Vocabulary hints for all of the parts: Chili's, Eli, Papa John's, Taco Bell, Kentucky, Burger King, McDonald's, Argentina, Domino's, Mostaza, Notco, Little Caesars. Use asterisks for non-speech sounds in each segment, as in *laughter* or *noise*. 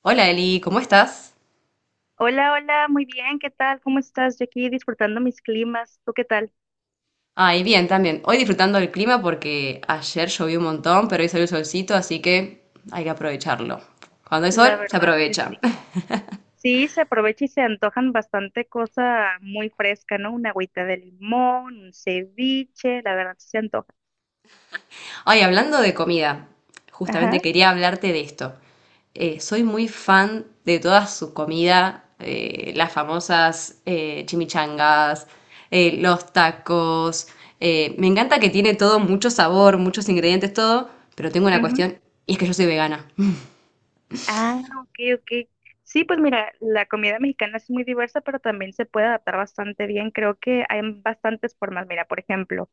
Hola Eli, ¿cómo estás? Hola, hola, muy bien, ¿qué tal? ¿Cómo estás? Yo aquí disfrutando mis climas, ¿tú qué tal? Ay, bien, también. Hoy disfrutando del clima porque ayer llovió un montón, pero hoy salió el solcito, así que hay que aprovecharlo. Cuando hay sol, La se verdad que sí. aprovecha. *laughs* Sí, se aprovecha y se antojan bastante cosa muy fresca, ¿no? Una agüita de limón, un ceviche, la verdad sí se antoja. Ay, hablando de comida, justamente Ajá. quería hablarte de esto. Soy muy fan de toda su comida, las famosas chimichangas, los tacos. Me encanta que tiene todo mucho sabor, muchos ingredientes, todo, pero tengo una cuestión, y es que yo soy vegana. *laughs* Ah, ok, ok. Sí, pues mira, la comida mexicana es muy diversa, pero también se puede adaptar bastante bien. Creo que hay bastantes formas. Mira, por ejemplo,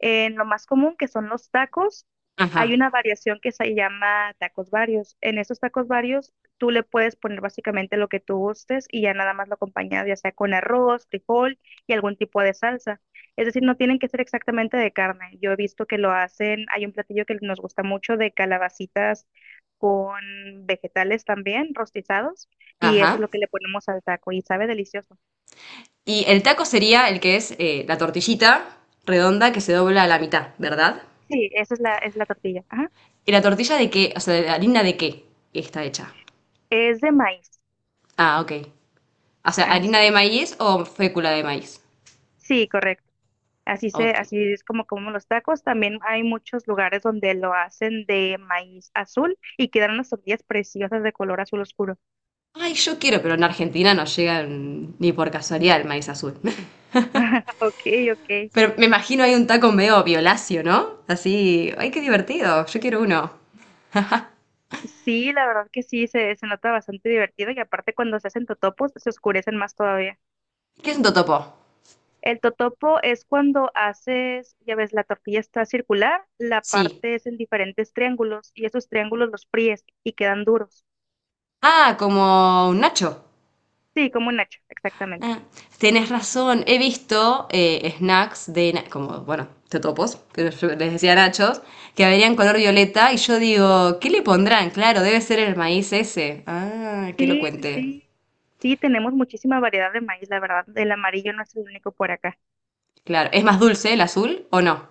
en lo más común que son los tacos, Ajá, hay una variación que se llama tacos varios. En esos tacos varios, tú le puedes poner básicamente lo que tú gustes y ya nada más lo acompañas, ya sea con arroz, frijol y algún tipo de salsa. Es decir, no tienen que ser exactamente de carne. Yo he visto que lo hacen, hay un platillo que nos gusta mucho de calabacitas con vegetales también rostizados y eso es ajá. lo que le ponemos al taco y sabe delicioso. Y el taco sería el que es la tortillita redonda que se dobla a la mitad, ¿verdad? Sí, esa es la tortilla. Ajá. ¿Y la tortilla de qué? O sea, ¿de harina de qué está hecha? Es de maíz. Ah, ok. O sea, ¿harina Así de es. maíz o fécula de maíz? Sí, correcto. Así se, Ok. así es como comemos los tacos. También hay muchos lugares donde lo hacen de maíz azul y quedan unas tortillas preciosas de color azul oscuro. Ay, yo quiero, pero en Argentina no llega ni por casualidad el maíz azul. *laughs* *laughs* Ok, ok. Pero me imagino hay un taco medio violáceo, ¿no? Así, ay, qué divertido, yo quiero uno. Sí, la verdad que sí, se nota bastante divertido y aparte cuando se hacen totopos se oscurecen más todavía. ¿Qué es un totopo? El totopo es cuando haces, ya ves, la tortilla está circular, la Sí. parte es en diferentes triángulos y esos triángulos los fríes y quedan duros. Ah, como un nacho. Sí, como un nacho, exactamente. Ah, tienes razón, he visto snacks de, como, bueno, totopos, que yo les decía nachos, que verían color violeta y yo digo, ¿qué le pondrán? Claro, debe ser el maíz ese. Ah, que lo Sí, sí, cuente. sí. Sí, tenemos muchísima variedad de maíz, la verdad. El amarillo no es el único por acá. Claro, ¿es más dulce el azul o no?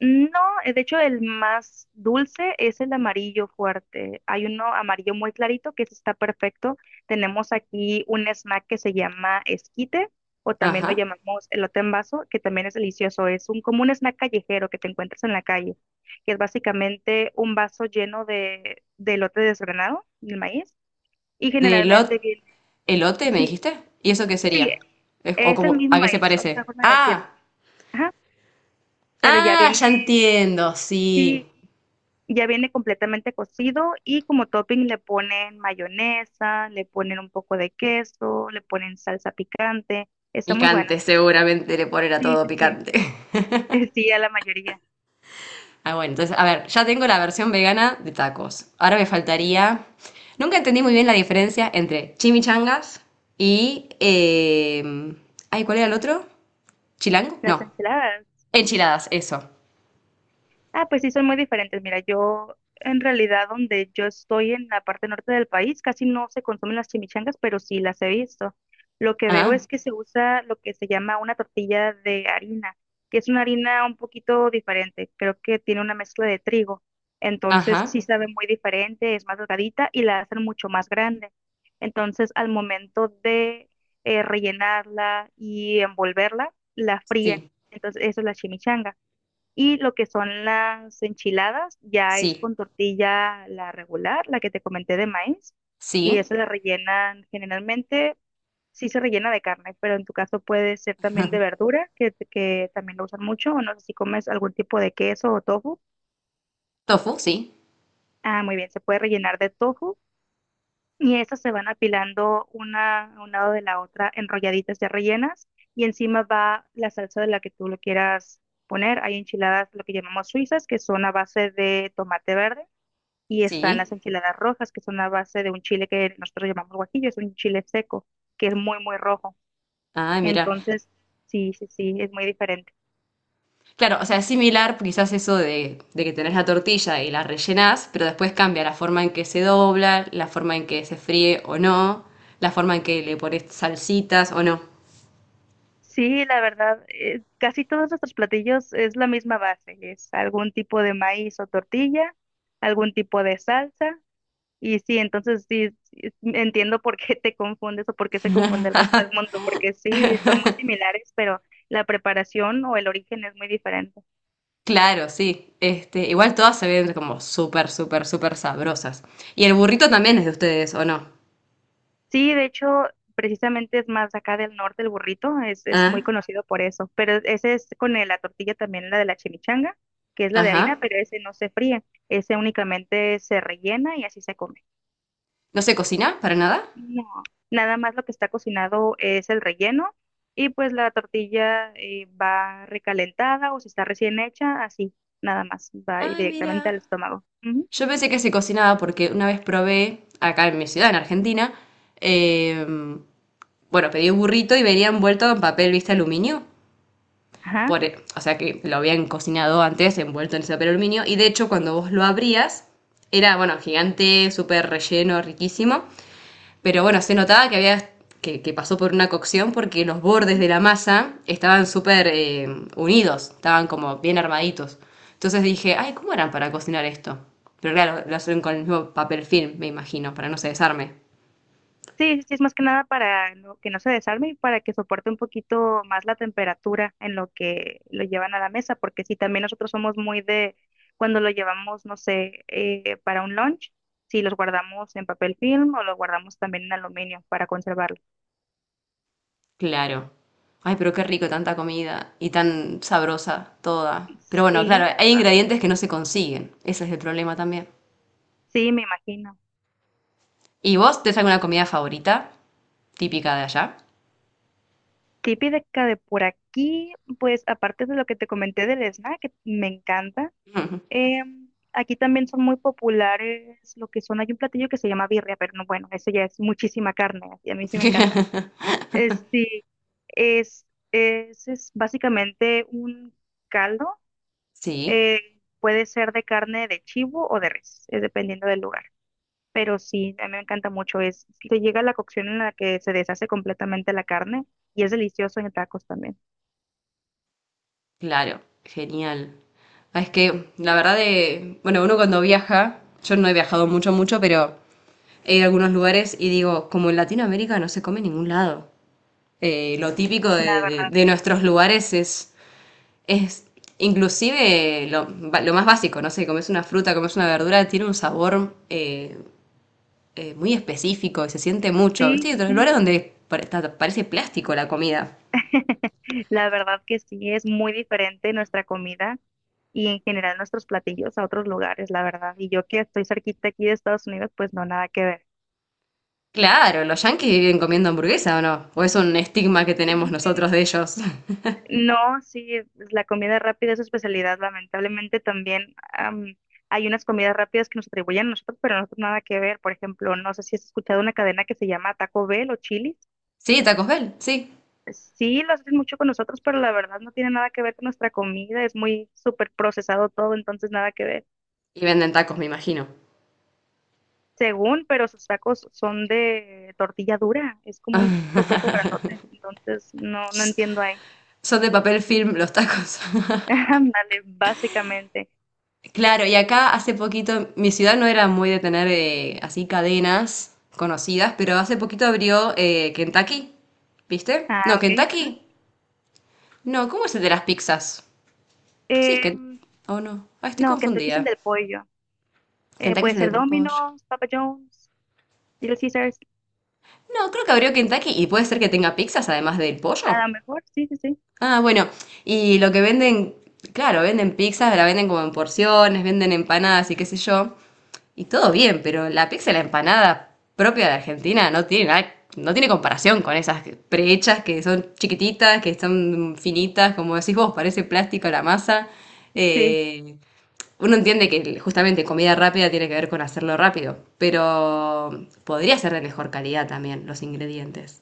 No, de hecho el más dulce es el amarillo fuerte. Hay uno amarillo muy clarito que ese está perfecto. Tenemos aquí un snack que se llama esquite o también lo Ajá. llamamos elote en vaso, que también es delicioso. Es un como un snack callejero que te encuentras en la calle, que es básicamente un vaso lleno de elote desgranado, el maíz, y ¿De elot- generalmente viene, ¿Elote me sí, dijiste? ¿Y eso qué sí, sería? ¿O es el como, mismo a qué se maíz, otra parece? forma de decirlo. Ah, Ajá, pero ya ah, viene, ya entiendo, sí. sí, ya viene completamente cocido y como topping le ponen mayonesa, le ponen un poco de queso, le ponen salsa picante. Está muy bueno. Picante, seguramente le ponen a Sí, todo sí, sí. picante. *laughs* *laughs* Sí, a la mayoría. Ah, bueno, entonces, a ver, ya tengo la versión vegana de tacos. Ahora me faltaría. Nunca entendí muy bien la diferencia entre chimichangas y ay, ¿cuál era el otro? ¿Chilango? Las No. ensaladas. Enchiladas, eso. Ah, pues sí, son muy diferentes. Mira, yo en realidad donde yo estoy en la parte norte del país, casi no se consumen las chimichangas, pero sí las he visto. Lo que veo Ah, es que se usa lo que se llama una tortilla de harina, que es una harina un poquito diferente. Creo que tiene una mezcla de trigo. Entonces ajá. sí sabe muy diferente, es más delgadita y la hacen mucho más grande. Entonces al momento de rellenarla y envolverla, la fríen. Sí, Entonces eso es la chimichanga. Y lo que son las enchiladas ya es sí, con tortilla la regular, la que te comenté de maíz, y sí. esa la rellenan generalmente, sí se rellena de carne, pero en tu caso puede ser también de verdura, que también lo usan mucho, o no sé si comes algún tipo de queso o tofu. Tofu, sí, Ah, muy bien, se puede rellenar de tofu y esas se van apilando una a un lado de la otra, enrolladitas ya rellenas, y encima va la salsa de la que tú lo quieras poner. Hay enchiladas, lo que llamamos suizas, que son a base de tomate verde y están sí. las enchiladas rojas, que son a base de un chile que nosotros llamamos guajillo, es un chile seco, que es muy, muy rojo. Ay, mira. Entonces, sí, sí, sí, es muy diferente. Claro, o sea, es similar quizás eso de que tenés la tortilla y la rellenás, pero después cambia la forma en que se dobla, la forma en que se fríe o no, la forma en que le pones salsitas o no. Sí, la verdad, casi todos nuestros platillos es la misma base, es algún tipo de maíz o tortilla, algún tipo de salsa, y sí, entonces sí, sí, entiendo por qué te confundes o por qué se confunde el resto del mundo, porque sí, son muy similares, pero la preparación o el origen es muy diferente. Claro, sí. Este, igual todas se ven como súper, súper, súper sabrosas. Y el burrito también es de ustedes, ¿o no? Sí, de hecho, precisamente es más acá del norte el burrito, es muy Ah, conocido por eso, pero ese es con la tortilla también, la de la chimichanga, que es la de harina, ajá. pero ese no se fríe, ese únicamente se rellena y así se come. ¿No se cocina para nada? No, nada más lo que está cocinado es el relleno y pues la tortilla va recalentada o si está recién hecha, así, nada más, va Ah, mira. directamente al estómago. Ujú. Yo pensé que se cocinaba porque una vez probé, acá en mi ciudad, en Argentina, eh, bueno, pedí un burrito y venía envuelto en papel, ¿viste? Aluminio. Ajá. O sea que lo habían cocinado antes, envuelto en ese papel aluminio. Y de hecho, cuando vos lo abrías, era, bueno, gigante, súper relleno, riquísimo. Pero bueno, se notaba que había. Que pasó por una cocción porque los bordes de la masa estaban súper unidos, estaban como bien armaditos. Entonces dije, ay, ¿cómo eran para cocinar esto? Pero claro, lo hacen con el mismo papel film, me imagino, para no se desarme. Sí, sí, es más que nada para que no se desarme y para que soporte un poquito más la temperatura en lo que lo llevan a la mesa, porque si también nosotros somos muy de cuando lo llevamos, no sé, para un lunch, si los guardamos en papel film o los guardamos también en aluminio para conservarlo. Claro. Ay, pero qué rico tanta comida y tan sabrosa toda. Pero bueno, Sí, claro, la hay verdad. ingredientes que no se consiguen. Ese es el problema también. Sí, me imagino. ¿Y vos tenés alguna comida favorita típica de allá? Típica de por aquí, pues aparte de lo que te comenté del snack, que me encanta, aquí también son muy populares lo que son, hay un platillo que se llama birria, pero no, bueno, eso ya es muchísima carne, y a mí sí me encanta. *laughs* Es, sí, es, es básicamente un caldo, Sí, eh, puede ser de carne de chivo o de res, es dependiendo del lugar. Pero sí, a mí me encanta mucho, es, si te llega la cocción en la que se deshace completamente la carne y es delicioso en tacos también. claro, genial. Ah, es que la verdad de, bueno, uno cuando viaja, yo no he viajado mucho, mucho, pero he ido a algunos lugares y digo, como en Latinoamérica no se come en ningún lado. Lo típico La de, verdad, de nuestros lugares es inclusive lo más básico, no sé, comes una fruta, comes una verdura, tiene un sabor muy específico y se siente mucho. sí, ¿Viste? Hay sí, otros sí. lugares donde parece plástico la comida. *laughs* La verdad que sí, es muy diferente nuestra comida y en general nuestros platillos a otros lugares, la verdad. Y yo que estoy cerquita aquí de Estados Unidos, pues no, nada que ver. Claro, los yanquis viven comiendo hamburguesa o no. O es un estigma que tenemos Sí, nosotros de ellos. *laughs* no, sí, pues, la comida rápida es su especialidad, lamentablemente también hay unas comidas rápidas que nos atribuyen a nosotros, pero a nosotros nada que ver. Por ejemplo, no sé si has escuchado una cadena que se llama Taco Bell o Chili's. Sí, tacos Bell, sí. Sí, lo hacen mucho con nosotros, pero la verdad no tiene nada que ver con nuestra comida, es muy súper procesado todo, entonces nada que ver. Y venden tacos, me imagino. Según, pero sus tacos son de tortilla dura, es como un *laughs* totopo grandote, entonces no, no entiendo ahí. Son de papel film los tacos. *laughs* *laughs* Ándale, básicamente. Claro, y acá hace poquito, mi ciudad no era muy de tener así cadenas conocidas, pero hace poquito abrió Kentucky, ¿viste? Ah, No, ok. Ah. Kentucky. No, ¿cómo es el de las pizzas? Sí, es que... Em, Oh, no. Ay, estoy no, Kentucky es el confundida. del pollo. Kentucky es Puede el de ser pollo. Domino's, Papa John's, Little Caesars, No, creo que abrió Kentucky y puede ser que tenga pizzas además del a pollo. lo mejor, sí, sí, sí. Ah, bueno. Y lo que venden, claro, venden pizzas, la venden como en porciones, venden empanadas y qué sé yo. Y todo bien, pero la pizza y la empanada propia de Argentina no tiene comparación con esas prehechas que son chiquititas, que son finitas, como decís vos, parece plástico la masa. Sí, Eh, Uno entiende que justamente comida rápida tiene que ver con hacerlo rápido, pero podría ser de mejor calidad también los ingredientes.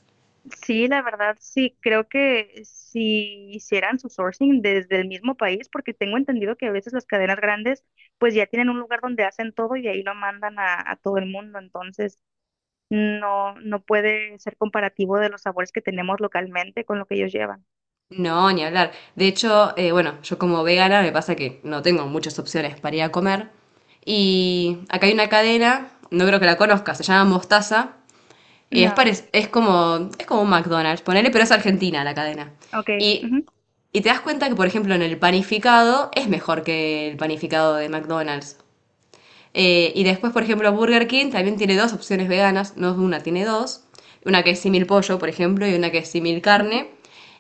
sí, la verdad, sí, creo que si hicieran su sourcing desde el mismo país, porque tengo entendido que a veces las cadenas grandes pues ya tienen un lugar donde hacen todo y ahí lo mandan a todo el mundo, entonces no, no puede ser comparativo de los sabores que tenemos localmente con lo que ellos llevan. No, ni hablar. De hecho, bueno, yo como vegana me pasa que no tengo muchas opciones para ir a comer. Y acá hay una cadena, no creo que la conozcas, se llama Mostaza, No, es como un McDonald's, ponele, pero es argentina la cadena. ok. Y, Ujú, y te das cuenta que, por ejemplo, en el panificado es mejor que el panificado de McDonald's. Y después, por ejemplo, Burger King también tiene dos opciones veganas, no es una, tiene dos. Una que es simil pollo, por ejemplo, y una que es simil ujú. carne.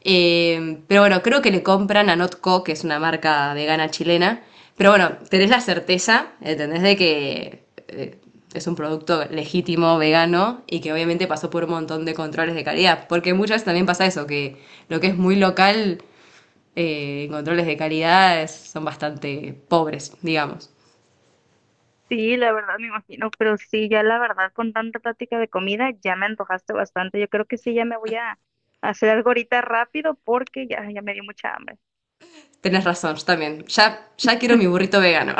Pero bueno, creo que le compran a Notco, que es una marca vegana chilena. Pero bueno, tenés la certeza, ¿entendés? De que es un producto legítimo, vegano, y que obviamente pasó por un montón de controles de calidad. Porque muchas veces también pasa eso, que lo que es muy local, controles de calidad es- son bastante pobres, digamos. Sí, la verdad me imagino, pero sí, ya la verdad con tanta plática de comida ya me antojaste bastante. Yo creo que sí, ya me voy a hacer algo ahorita rápido porque ya, ya me dio mucha hambre. Tenés razón, yo también. Ya, ya quiero mi burrito vegano.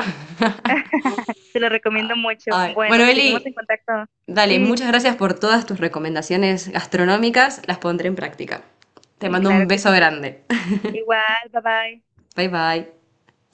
Te lo recomiendo mucho. Ay, Bueno, bueno, seguimos en Eli, contacto. dale, Sí, muchas gracias por todas tus recomendaciones gastronómicas. Las pondré en práctica. Te mando claro un que beso sí. grande. Igual, bye bye. Bye bye.